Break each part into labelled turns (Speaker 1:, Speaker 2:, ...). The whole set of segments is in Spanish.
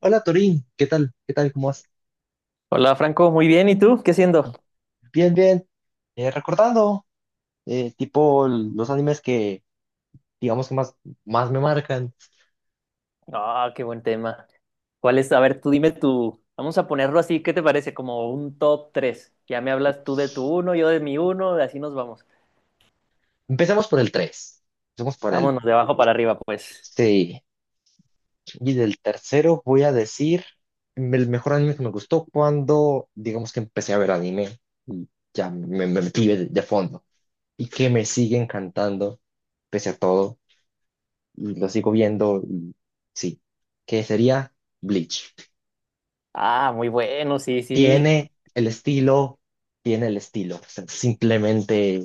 Speaker 1: Hola Torín, ¿qué tal? ¿Qué tal? ¿Cómo vas?
Speaker 2: Hola Franco, muy bien. ¿Y tú? ¿Qué haciendo?
Speaker 1: Bien, bien. Recordando, tipo los animes que, digamos que más, más me marcan.
Speaker 2: Ah, qué buen tema. ¿Cuál es? A ver, tú dime tú. Vamos a ponerlo así, ¿qué te parece? ¿Como un top 3? Ya me hablas tú de tu uno, yo de mi uno, y así nos vamos.
Speaker 1: Empecemos por el 3. Empecemos por el...
Speaker 2: Vámonos de abajo para arriba, pues.
Speaker 1: Sí. Y del tercero voy a decir el mejor anime que me gustó cuando, digamos que empecé a ver anime. Y ya me metí de fondo. Y que me sigue encantando, pese a todo. Y lo sigo viendo. Y sí. Que sería Bleach.
Speaker 2: Ah, muy bueno, sí, sí.
Speaker 1: Tiene el estilo, tiene el estilo. O sea, simplemente.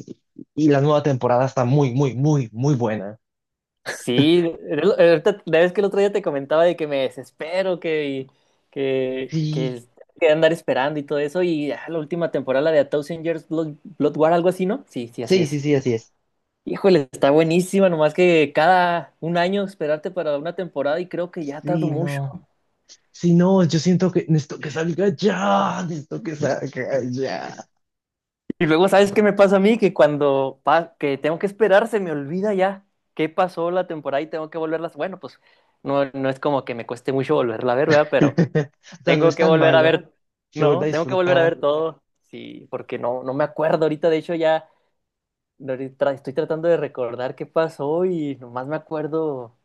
Speaker 1: Y la nueva temporada está muy, muy, muy, muy buena.
Speaker 2: Sí, ahorita, la vez que el otro día te comentaba de que me desespero, que,
Speaker 1: Sí,
Speaker 2: que, que andar esperando y todo eso, y la última temporada, la de A Thousand Years Blood, Blood War, algo así, ¿no? Sí, sí, así
Speaker 1: sí, sí,
Speaker 2: es.
Speaker 1: sí, así es.
Speaker 2: Híjole, está buenísima, nomás que cada un año esperarte para una temporada y creo que ya tardo
Speaker 1: Sí,
Speaker 2: mucho.
Speaker 1: no. Sí, no, yo siento que necesito que salga ya. Necesito que salga ya.
Speaker 2: Y luego, ¿sabes qué me pasa a mí? Que cuando que tengo que esperar se me olvida ya qué pasó la temporada y tengo que volverlas. Bueno, pues no, no es como que me cueste mucho volverla a ver, ¿verdad? Pero
Speaker 1: O sea, no
Speaker 2: tengo
Speaker 1: es
Speaker 2: que
Speaker 1: tan
Speaker 2: volver a
Speaker 1: malo.
Speaker 2: ver,
Speaker 1: Se vuelve a
Speaker 2: no, tengo que volver a ver
Speaker 1: disfrutar.
Speaker 2: todo. Sí, porque no, no me acuerdo ahorita, de hecho ahorita estoy tratando de recordar qué pasó y nomás me acuerdo,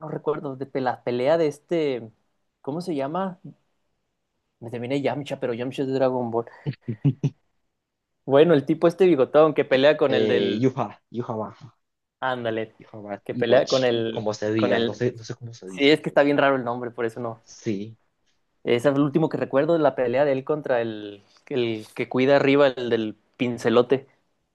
Speaker 2: no recuerdo, la pelea de este, ¿cómo se llama? Me terminé Yamcha, pero Yamcha es de Dragon Ball. Bueno, el tipo este bigotón que pelea con el del.
Speaker 1: Yuha Baja,
Speaker 2: Ándale.
Speaker 1: Yuha Baja,
Speaker 2: Que pelea con
Speaker 1: Iwatch,
Speaker 2: el.
Speaker 1: como se
Speaker 2: con
Speaker 1: diga. No
Speaker 2: el.
Speaker 1: sé, no sé cómo se
Speaker 2: Sí,
Speaker 1: dice.
Speaker 2: es que está bien raro el nombre, por eso no.
Speaker 1: Sí.
Speaker 2: Es el último que recuerdo la pelea de él contra el que cuida arriba, el del pincelote.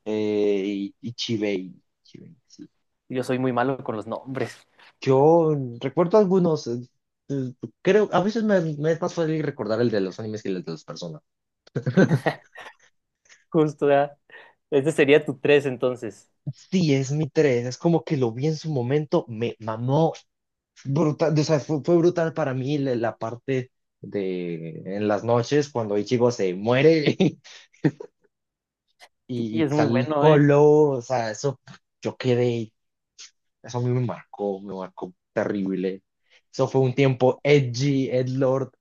Speaker 1: Y Chibei. Chibei, sí.
Speaker 2: Yo soy muy malo con los nombres.
Speaker 1: Yo recuerdo algunos, eh, creo, a veces me es más fácil recordar el de los animes que el de las personas.
Speaker 2: Justo, ya. Este sería tu tres entonces.
Speaker 1: Sí, es mi 3, es como que lo vi en su momento, me mamó brutal, o sea, fue brutal para mí la parte de en las noches cuando Ichigo se muere
Speaker 2: Y
Speaker 1: y
Speaker 2: es muy
Speaker 1: sale
Speaker 2: bueno, ¿eh?
Speaker 1: Hollow, o sea, eso yo quedé, eso a mí me marcó terrible. Eso fue un tiempo edgy, edgelord,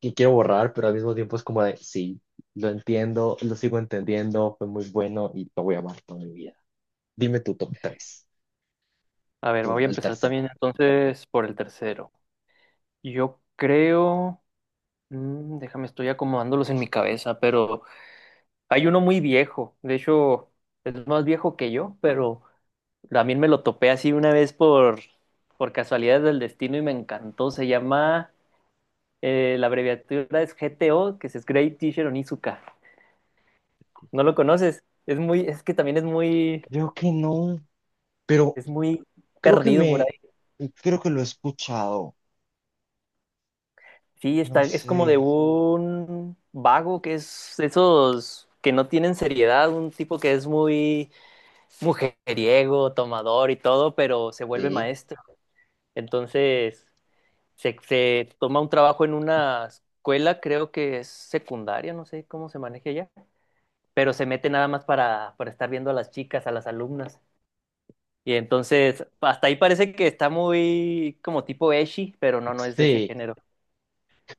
Speaker 1: que quiero borrar, pero al mismo tiempo es como de, sí, lo entiendo, lo sigo entendiendo, fue muy bueno y lo voy a amar toda mi vida. Dime tu top tres,
Speaker 2: A ver,
Speaker 1: tu,
Speaker 2: voy a
Speaker 1: el
Speaker 2: empezar
Speaker 1: tercero.
Speaker 2: también entonces por el tercero. Yo creo. Déjame, estoy acomodándolos en mi cabeza, pero hay uno muy viejo, de hecho es más viejo que yo, pero también me lo topé así una vez por casualidades del destino y me encantó. Se llama, la abreviatura es GTO, que es Great Teacher Onizuka. ¿No lo conoces? Es muy, es que también
Speaker 1: Creo que no, pero
Speaker 2: es muy
Speaker 1: creo que
Speaker 2: perdido por ahí.
Speaker 1: creo que lo he escuchado.
Speaker 2: Sí,
Speaker 1: No
Speaker 2: está, es como
Speaker 1: sé.
Speaker 2: de un vago que es esos que no tienen seriedad, un tipo que es muy mujeriego, tomador y todo, pero se vuelve
Speaker 1: Sí,
Speaker 2: maestro. Entonces, se toma un trabajo en una escuela, creo que es secundaria, no sé cómo se maneja ya, pero se mete nada más para estar viendo a las chicas, a las alumnas. Y entonces, hasta ahí parece que está muy como tipo ecchi, pero no, no es de ese
Speaker 1: sí,
Speaker 2: género.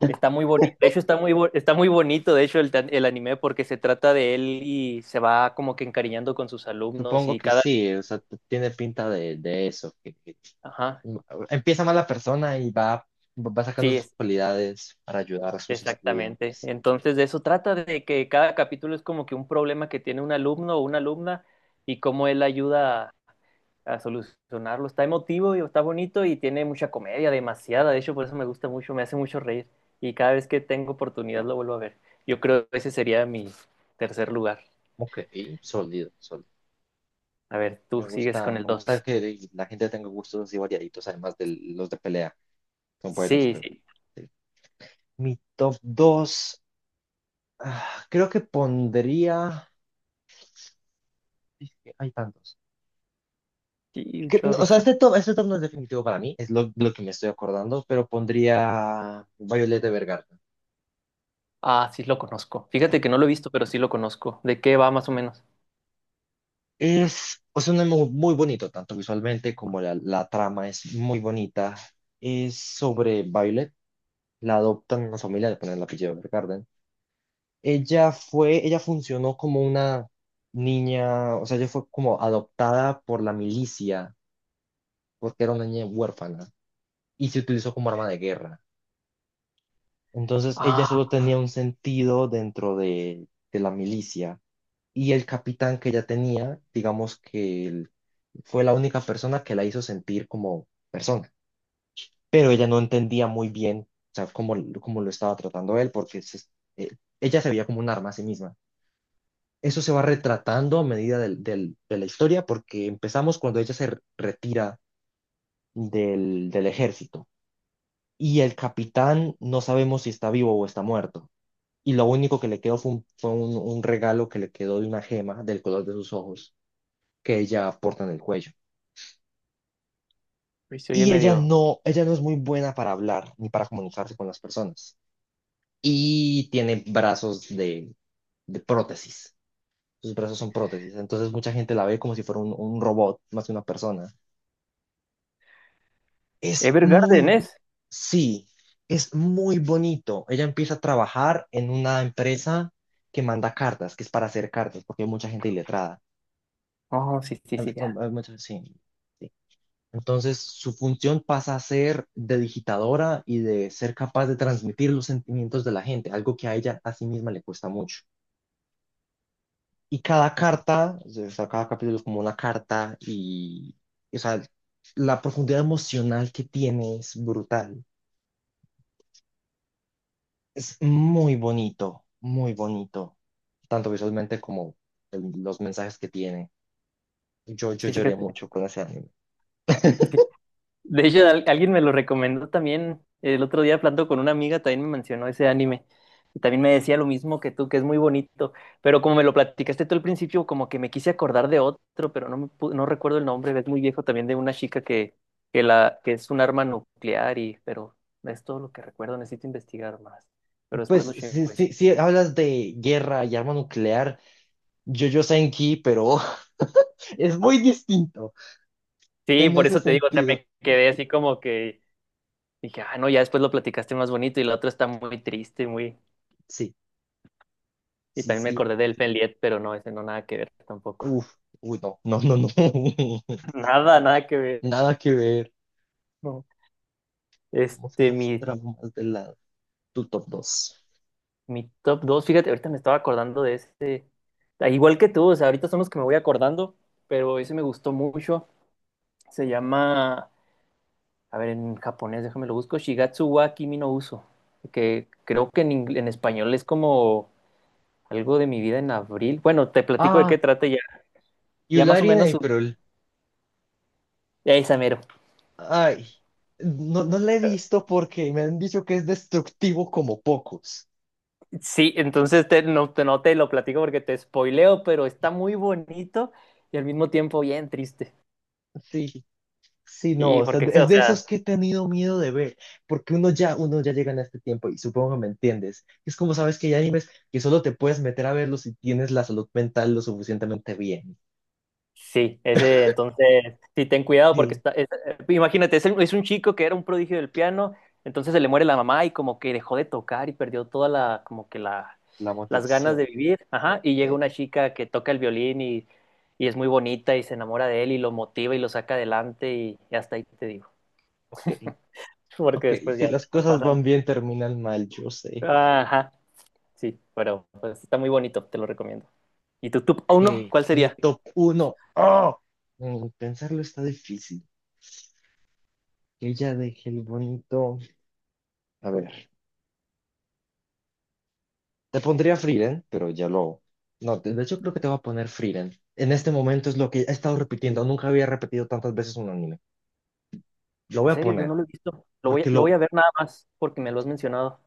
Speaker 2: Está muy bonito, de hecho está está muy bonito, de hecho, el anime porque se trata de él y se va como que encariñando con sus alumnos
Speaker 1: supongo
Speaker 2: y
Speaker 1: que
Speaker 2: cada...
Speaker 1: sí, o sea, tiene pinta de eso, que
Speaker 2: Ajá,
Speaker 1: mm, empieza mal la persona y va, va sacando
Speaker 2: sí,
Speaker 1: sus cualidades para ayudar a sus
Speaker 2: exactamente.
Speaker 1: estudiantes.
Speaker 2: Entonces, de eso trata, de que cada capítulo es como que un problema que tiene un alumno o una alumna y cómo él ayuda a solucionarlo. Está emotivo y está bonito y tiene mucha comedia, demasiada. De hecho, por eso me gusta mucho, me hace mucho reír. Y cada vez que tengo oportunidad lo vuelvo a ver. Yo creo que ese sería mi tercer lugar.
Speaker 1: Ok, sólido, sólido.
Speaker 2: A ver, tú sigues con el
Speaker 1: Me
Speaker 2: dos.
Speaker 1: gusta que la gente tenga gustos así variaditos, además de los de pelea. Son buenos,
Speaker 2: Sí,
Speaker 1: pero
Speaker 2: sí.
Speaker 1: sí. Mi top 2, creo que pondría. Es que hay tantos.
Speaker 2: Sí, un
Speaker 1: No,
Speaker 2: chorro.
Speaker 1: o sea, este top no es definitivo para mí, es lo que me estoy acordando, pero pondría Violet Evergarden.
Speaker 2: Ah, sí lo conozco. Fíjate que no lo he visto, pero sí lo conozco. ¿De qué va más o menos?
Speaker 1: Es, o sea, un anime muy bonito, tanto visualmente como la trama es muy bonita. Es sobre Violet, la adoptan una familia, le ponen el apellido Evergarden. Ella funcionó como una niña, o sea, ella fue como adoptada por la milicia, porque era una niña huérfana, y se utilizó como arma de guerra. Entonces, ella
Speaker 2: Ah,
Speaker 1: solo tenía un sentido dentro de la milicia, y el capitán que ella tenía, digamos que él fue la única persona que la hizo sentir como persona, pero ella no entendía muy bien, o sea, cómo, cómo lo estaba tratando él, porque eh, ella se veía como un arma a sí misma. Eso se va retratando a medida de la historia porque empezamos cuando ella se retira del, del ejército y el capitán no sabemos si está vivo o está muerto. Y lo único que le quedó fue un regalo que le quedó de una gema del color de sus ojos que ella porta en el cuello.
Speaker 2: pues se oye
Speaker 1: Y
Speaker 2: medio.
Speaker 1: ella no es muy buena para hablar ni para comunicarse con las personas. Y tiene brazos de prótesis. Sus brazos son prótesis. Entonces mucha gente la ve como si fuera un robot más que una persona. Es
Speaker 2: Evergarden,
Speaker 1: muy,
Speaker 2: ¿es?
Speaker 1: sí, es muy bonito. Ella empieza a trabajar en una empresa que manda cartas, que es para hacer cartas, porque hay mucha gente iletrada.
Speaker 2: Oh, sí, sí,
Speaker 1: Hay-
Speaker 2: sí, ya.
Speaker 1: sí, sí. Entonces, su función pasa a ser de digitadora y de ser capaz de transmitir los sentimientos de la gente, algo que a ella a sí misma le cuesta mucho. Y cada
Speaker 2: Ujú.
Speaker 1: carta, o sea, cada capítulo es como una carta y, o sea, la profundidad emocional que tiene es brutal. Es muy bonito, tanto visualmente como los mensajes que tiene. Yo
Speaker 2: Sí,
Speaker 1: lloré
Speaker 2: fíjate.
Speaker 1: mucho con ese anime.
Speaker 2: Sí. De hecho, alguien me lo recomendó también. El otro día hablando con una amiga, también me mencionó ese anime. Y también me decía lo mismo que tú, que es muy bonito. Pero como me lo platicaste tú al principio, como que me quise acordar de otro, pero no, no recuerdo el nombre. Es muy viejo también de una chica que es un arma nuclear y, pero es todo lo que recuerdo. Necesito investigar más. Pero
Speaker 1: Pues
Speaker 2: después lo
Speaker 1: si,
Speaker 2: checo ese.
Speaker 1: si, si hablas de guerra y arma nuclear, JoJo Senki, pero es muy distinto
Speaker 2: Sí,
Speaker 1: en
Speaker 2: por
Speaker 1: ese
Speaker 2: eso te digo, o sea,
Speaker 1: sentido.
Speaker 2: me quedé así como que dije, ah, no, ya después lo platicaste más bonito y la otra está muy triste, muy...
Speaker 1: Sí,
Speaker 2: Y
Speaker 1: sí,
Speaker 2: también me
Speaker 1: sí.
Speaker 2: acordé del Fenliet, pero no, ese no nada que ver tampoco.
Speaker 1: Uf, uy, no, no, no, no.
Speaker 2: Nada, nada que ver.
Speaker 1: Nada que ver.
Speaker 2: No.
Speaker 1: Tenemos
Speaker 2: Este,
Speaker 1: esas
Speaker 2: mi,
Speaker 1: tramas de lado. Tu top 2.
Speaker 2: Mi top dos, fíjate, ahorita me estaba acordando de este... Ah, igual que tú, o sea, ahorita son los que me voy acordando, pero ese me gustó mucho. Se llama, a ver, en japonés, déjame lo busco, Shigatsu wa Kimi no Uso, que creo que en, en español es como algo de mi vida en abril. Bueno, te platico de qué
Speaker 1: Ah,
Speaker 2: trata ya, ya más o
Speaker 1: Yulari en
Speaker 2: menos,
Speaker 1: April.
Speaker 2: esa mero.
Speaker 1: Ay, no, no la he visto porque me han dicho que es destructivo como pocos.
Speaker 2: Sí, entonces no te lo platico porque te spoileo, pero está muy bonito y al mismo tiempo bien triste.
Speaker 1: Sí, sí, no,
Speaker 2: Sí,
Speaker 1: o sea,
Speaker 2: porque,
Speaker 1: es
Speaker 2: o
Speaker 1: de
Speaker 2: sea,
Speaker 1: esos que he tenido miedo de ver, porque uno ya llega en este tiempo y supongo que me entiendes. Es como sabes que hay animes que solo te puedes meter a verlos si tienes la salud mental lo suficientemente bien.
Speaker 2: sí, ese, entonces, sí, ten cuidado porque
Speaker 1: Sí,
Speaker 2: está, imagínate, es un chico que era un prodigio del piano, entonces se le muere la mamá y como que dejó de tocar y perdió toda la, como que la,
Speaker 1: la
Speaker 2: las ganas de
Speaker 1: motivación.
Speaker 2: vivir, ajá, y llega
Speaker 1: Sí.
Speaker 2: una chica que toca el violín y es muy bonita y se enamora de él y lo motiva y lo saca adelante y hasta ahí te digo,
Speaker 1: Ok,
Speaker 2: porque
Speaker 1: ok,
Speaker 2: después
Speaker 1: si
Speaker 2: ya
Speaker 1: las
Speaker 2: te
Speaker 1: cosas
Speaker 2: pasan.
Speaker 1: van bien terminan mal, yo sé.
Speaker 2: Ajá. Sí, pero pues, está muy bonito, te lo recomiendo. ¿Y tu top
Speaker 1: Ok,
Speaker 2: uno, cuál
Speaker 1: mi
Speaker 2: sería?
Speaker 1: top uno. ¡Oh! Pensarlo está difícil. Que ella deje el bonito. A ver, te pondría Frieren, pero ya lo. No, de hecho creo que te voy a poner Frieren. En este momento es lo que he estado repitiendo. Nunca había repetido tantas veces un anime. Lo
Speaker 2: En
Speaker 1: voy a
Speaker 2: serio, yo no
Speaker 1: poner,
Speaker 2: lo he visto.
Speaker 1: porque
Speaker 2: Lo voy
Speaker 1: lo.
Speaker 2: a ver nada más porque me lo has mencionado.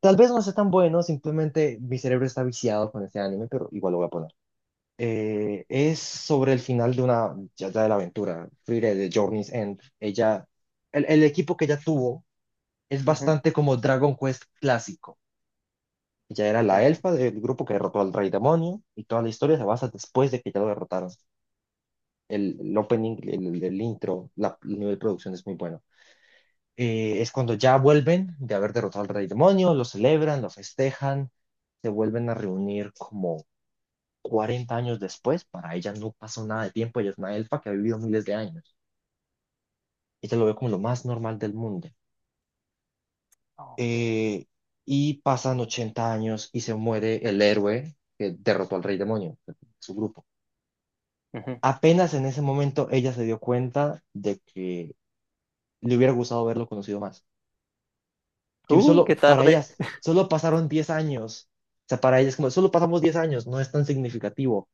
Speaker 1: Tal vez no sea tan bueno, simplemente mi cerebro está viciado con este anime, pero igual lo voy a poner. Es sobre el final de una. Ya, ya de la aventura. Frieren de Journey's End. Ella. El equipo que ella tuvo es
Speaker 2: Ujú,
Speaker 1: bastante como Dragon Quest clásico. Ella era la
Speaker 2: ujú.
Speaker 1: elfa del grupo que derrotó al rey demonio y toda la historia se basa después de que ya lo derrotaron. El opening, el intro, el nivel de producción es muy bueno. Es cuando ya vuelven de haber derrotado al rey demonio, lo celebran, lo festejan, se vuelven a reunir como 40 años después. Para ella no pasó nada de tiempo, ella es una elfa que ha vivido miles de años. Ella lo ve como lo más normal del mundo.
Speaker 2: Ok.
Speaker 1: Eh, y pasan 80 años y se muere el héroe que derrotó al rey demonio, su grupo.
Speaker 2: Ujú.
Speaker 1: Apenas en ese momento ella se dio cuenta de que le hubiera gustado verlo conocido más. Que
Speaker 2: Qué
Speaker 1: solo para
Speaker 2: tarde.
Speaker 1: ellas, solo pasaron 10 años. O sea, para ellas como, solo pasamos 10 años, no es tan significativo,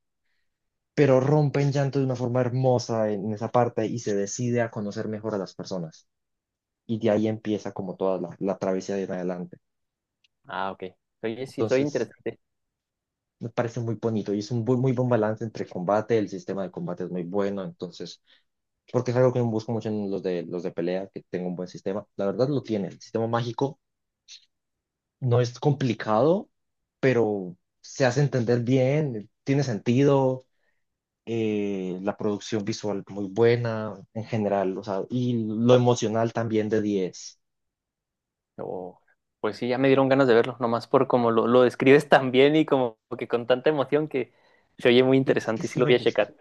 Speaker 1: pero rompen llanto de una forma hermosa en esa parte y se decide a conocer mejor a las personas. Y de ahí empieza como toda la travesía de en adelante.
Speaker 2: Ah, ok. Oye, sí, soy
Speaker 1: Entonces,
Speaker 2: interesante.
Speaker 1: me parece muy bonito y es un muy buen balance entre combate, el sistema de combate es muy bueno, entonces porque es algo que busco mucho en los de pelea, que tenga un buen sistema. La verdad lo tiene. El sistema mágico no es complicado, pero se hace entender bien, tiene sentido, la producción visual muy buena en general, o sea, y lo emocional también de 10.
Speaker 2: Oh, pues sí, ya me dieron ganas de verlo, nomás por como lo describes tan bien y como que con tanta emoción que se oye muy
Speaker 1: Es que
Speaker 2: interesante y
Speaker 1: sí
Speaker 2: sí lo
Speaker 1: me
Speaker 2: voy a
Speaker 1: gusta,
Speaker 2: checar.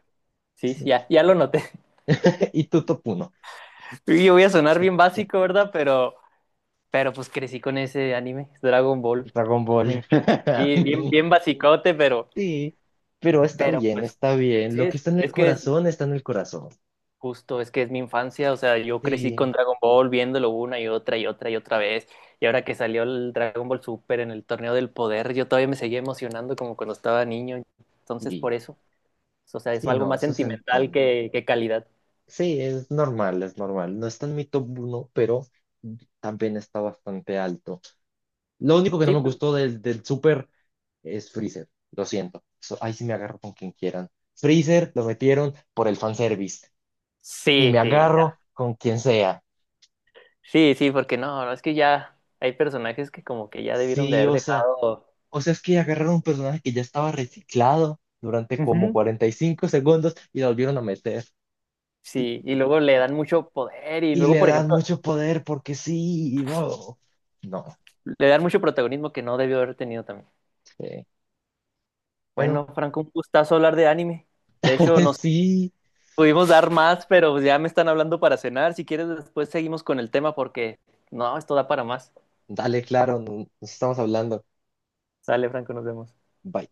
Speaker 2: Sí,
Speaker 1: sí me
Speaker 2: sí, ya,
Speaker 1: gustó.
Speaker 2: ya lo noté.
Speaker 1: Y tu top 1,
Speaker 2: Y yo voy a sonar bien
Speaker 1: de
Speaker 2: básico, ¿verdad? Pero pues crecí con ese anime, Dragon Ball.
Speaker 1: Dragon
Speaker 2: Me
Speaker 1: Ball.
Speaker 2: encanta. Y bien, bien basicote,
Speaker 1: Sí, pero está
Speaker 2: pero
Speaker 1: bien,
Speaker 2: pues
Speaker 1: está bien.
Speaker 2: sí,
Speaker 1: Lo que
Speaker 2: es,
Speaker 1: está en el
Speaker 2: es que es
Speaker 1: corazón está en el corazón.
Speaker 2: justo, es que es mi infancia. O sea, yo crecí
Speaker 1: Sí.
Speaker 2: con Dragon Ball viéndolo una y otra y otra y otra vez. Y ahora que salió el Dragon Ball Super en el Torneo del Poder, yo todavía me seguía emocionando como cuando estaba niño. Entonces, por
Speaker 1: Sí.
Speaker 2: eso, o sea, es
Speaker 1: Sí,
Speaker 2: algo
Speaker 1: no,
Speaker 2: más
Speaker 1: eso se
Speaker 2: sentimental
Speaker 1: entiende.
Speaker 2: que calidad.
Speaker 1: Sí, es normal, es normal. No está en mi top 1, pero también está bastante alto. Lo único que no
Speaker 2: Sí,
Speaker 1: me
Speaker 2: pues,
Speaker 1: gustó del, del Super es Freezer. Lo siento. Ahí sí me agarro con quien quieran. Freezer lo metieron por el fanservice. Y me
Speaker 2: sí, sí, ya.
Speaker 1: agarro con quien sea.
Speaker 2: Sí, sí, porque no, no, es que ya hay personajes que como que ya debieron de
Speaker 1: Sí,
Speaker 2: haber dejado.
Speaker 1: o sea, es que agarraron un personaje que ya estaba reciclado durante como
Speaker 2: Ujú.
Speaker 1: 45 segundos y lo volvieron a meter. Y,
Speaker 2: Sí, y luego le dan mucho poder y
Speaker 1: y
Speaker 2: luego,
Speaker 1: le
Speaker 2: por
Speaker 1: dan
Speaker 2: ejemplo,
Speaker 1: mucho poder porque sí, y wow. No.
Speaker 2: le dan mucho protagonismo que no debió haber tenido también.
Speaker 1: Eh, bueno,
Speaker 2: Bueno, Franco, un gustazo hablar de anime. De hecho, nos
Speaker 1: sí,
Speaker 2: pudimos dar más, pero pues ya me están hablando para cenar. Si quieres, después seguimos con el tema porque no, esto da para más.
Speaker 1: dale, claro, nos estamos hablando.
Speaker 2: Sale, Franco, nos vemos.
Speaker 1: Bye.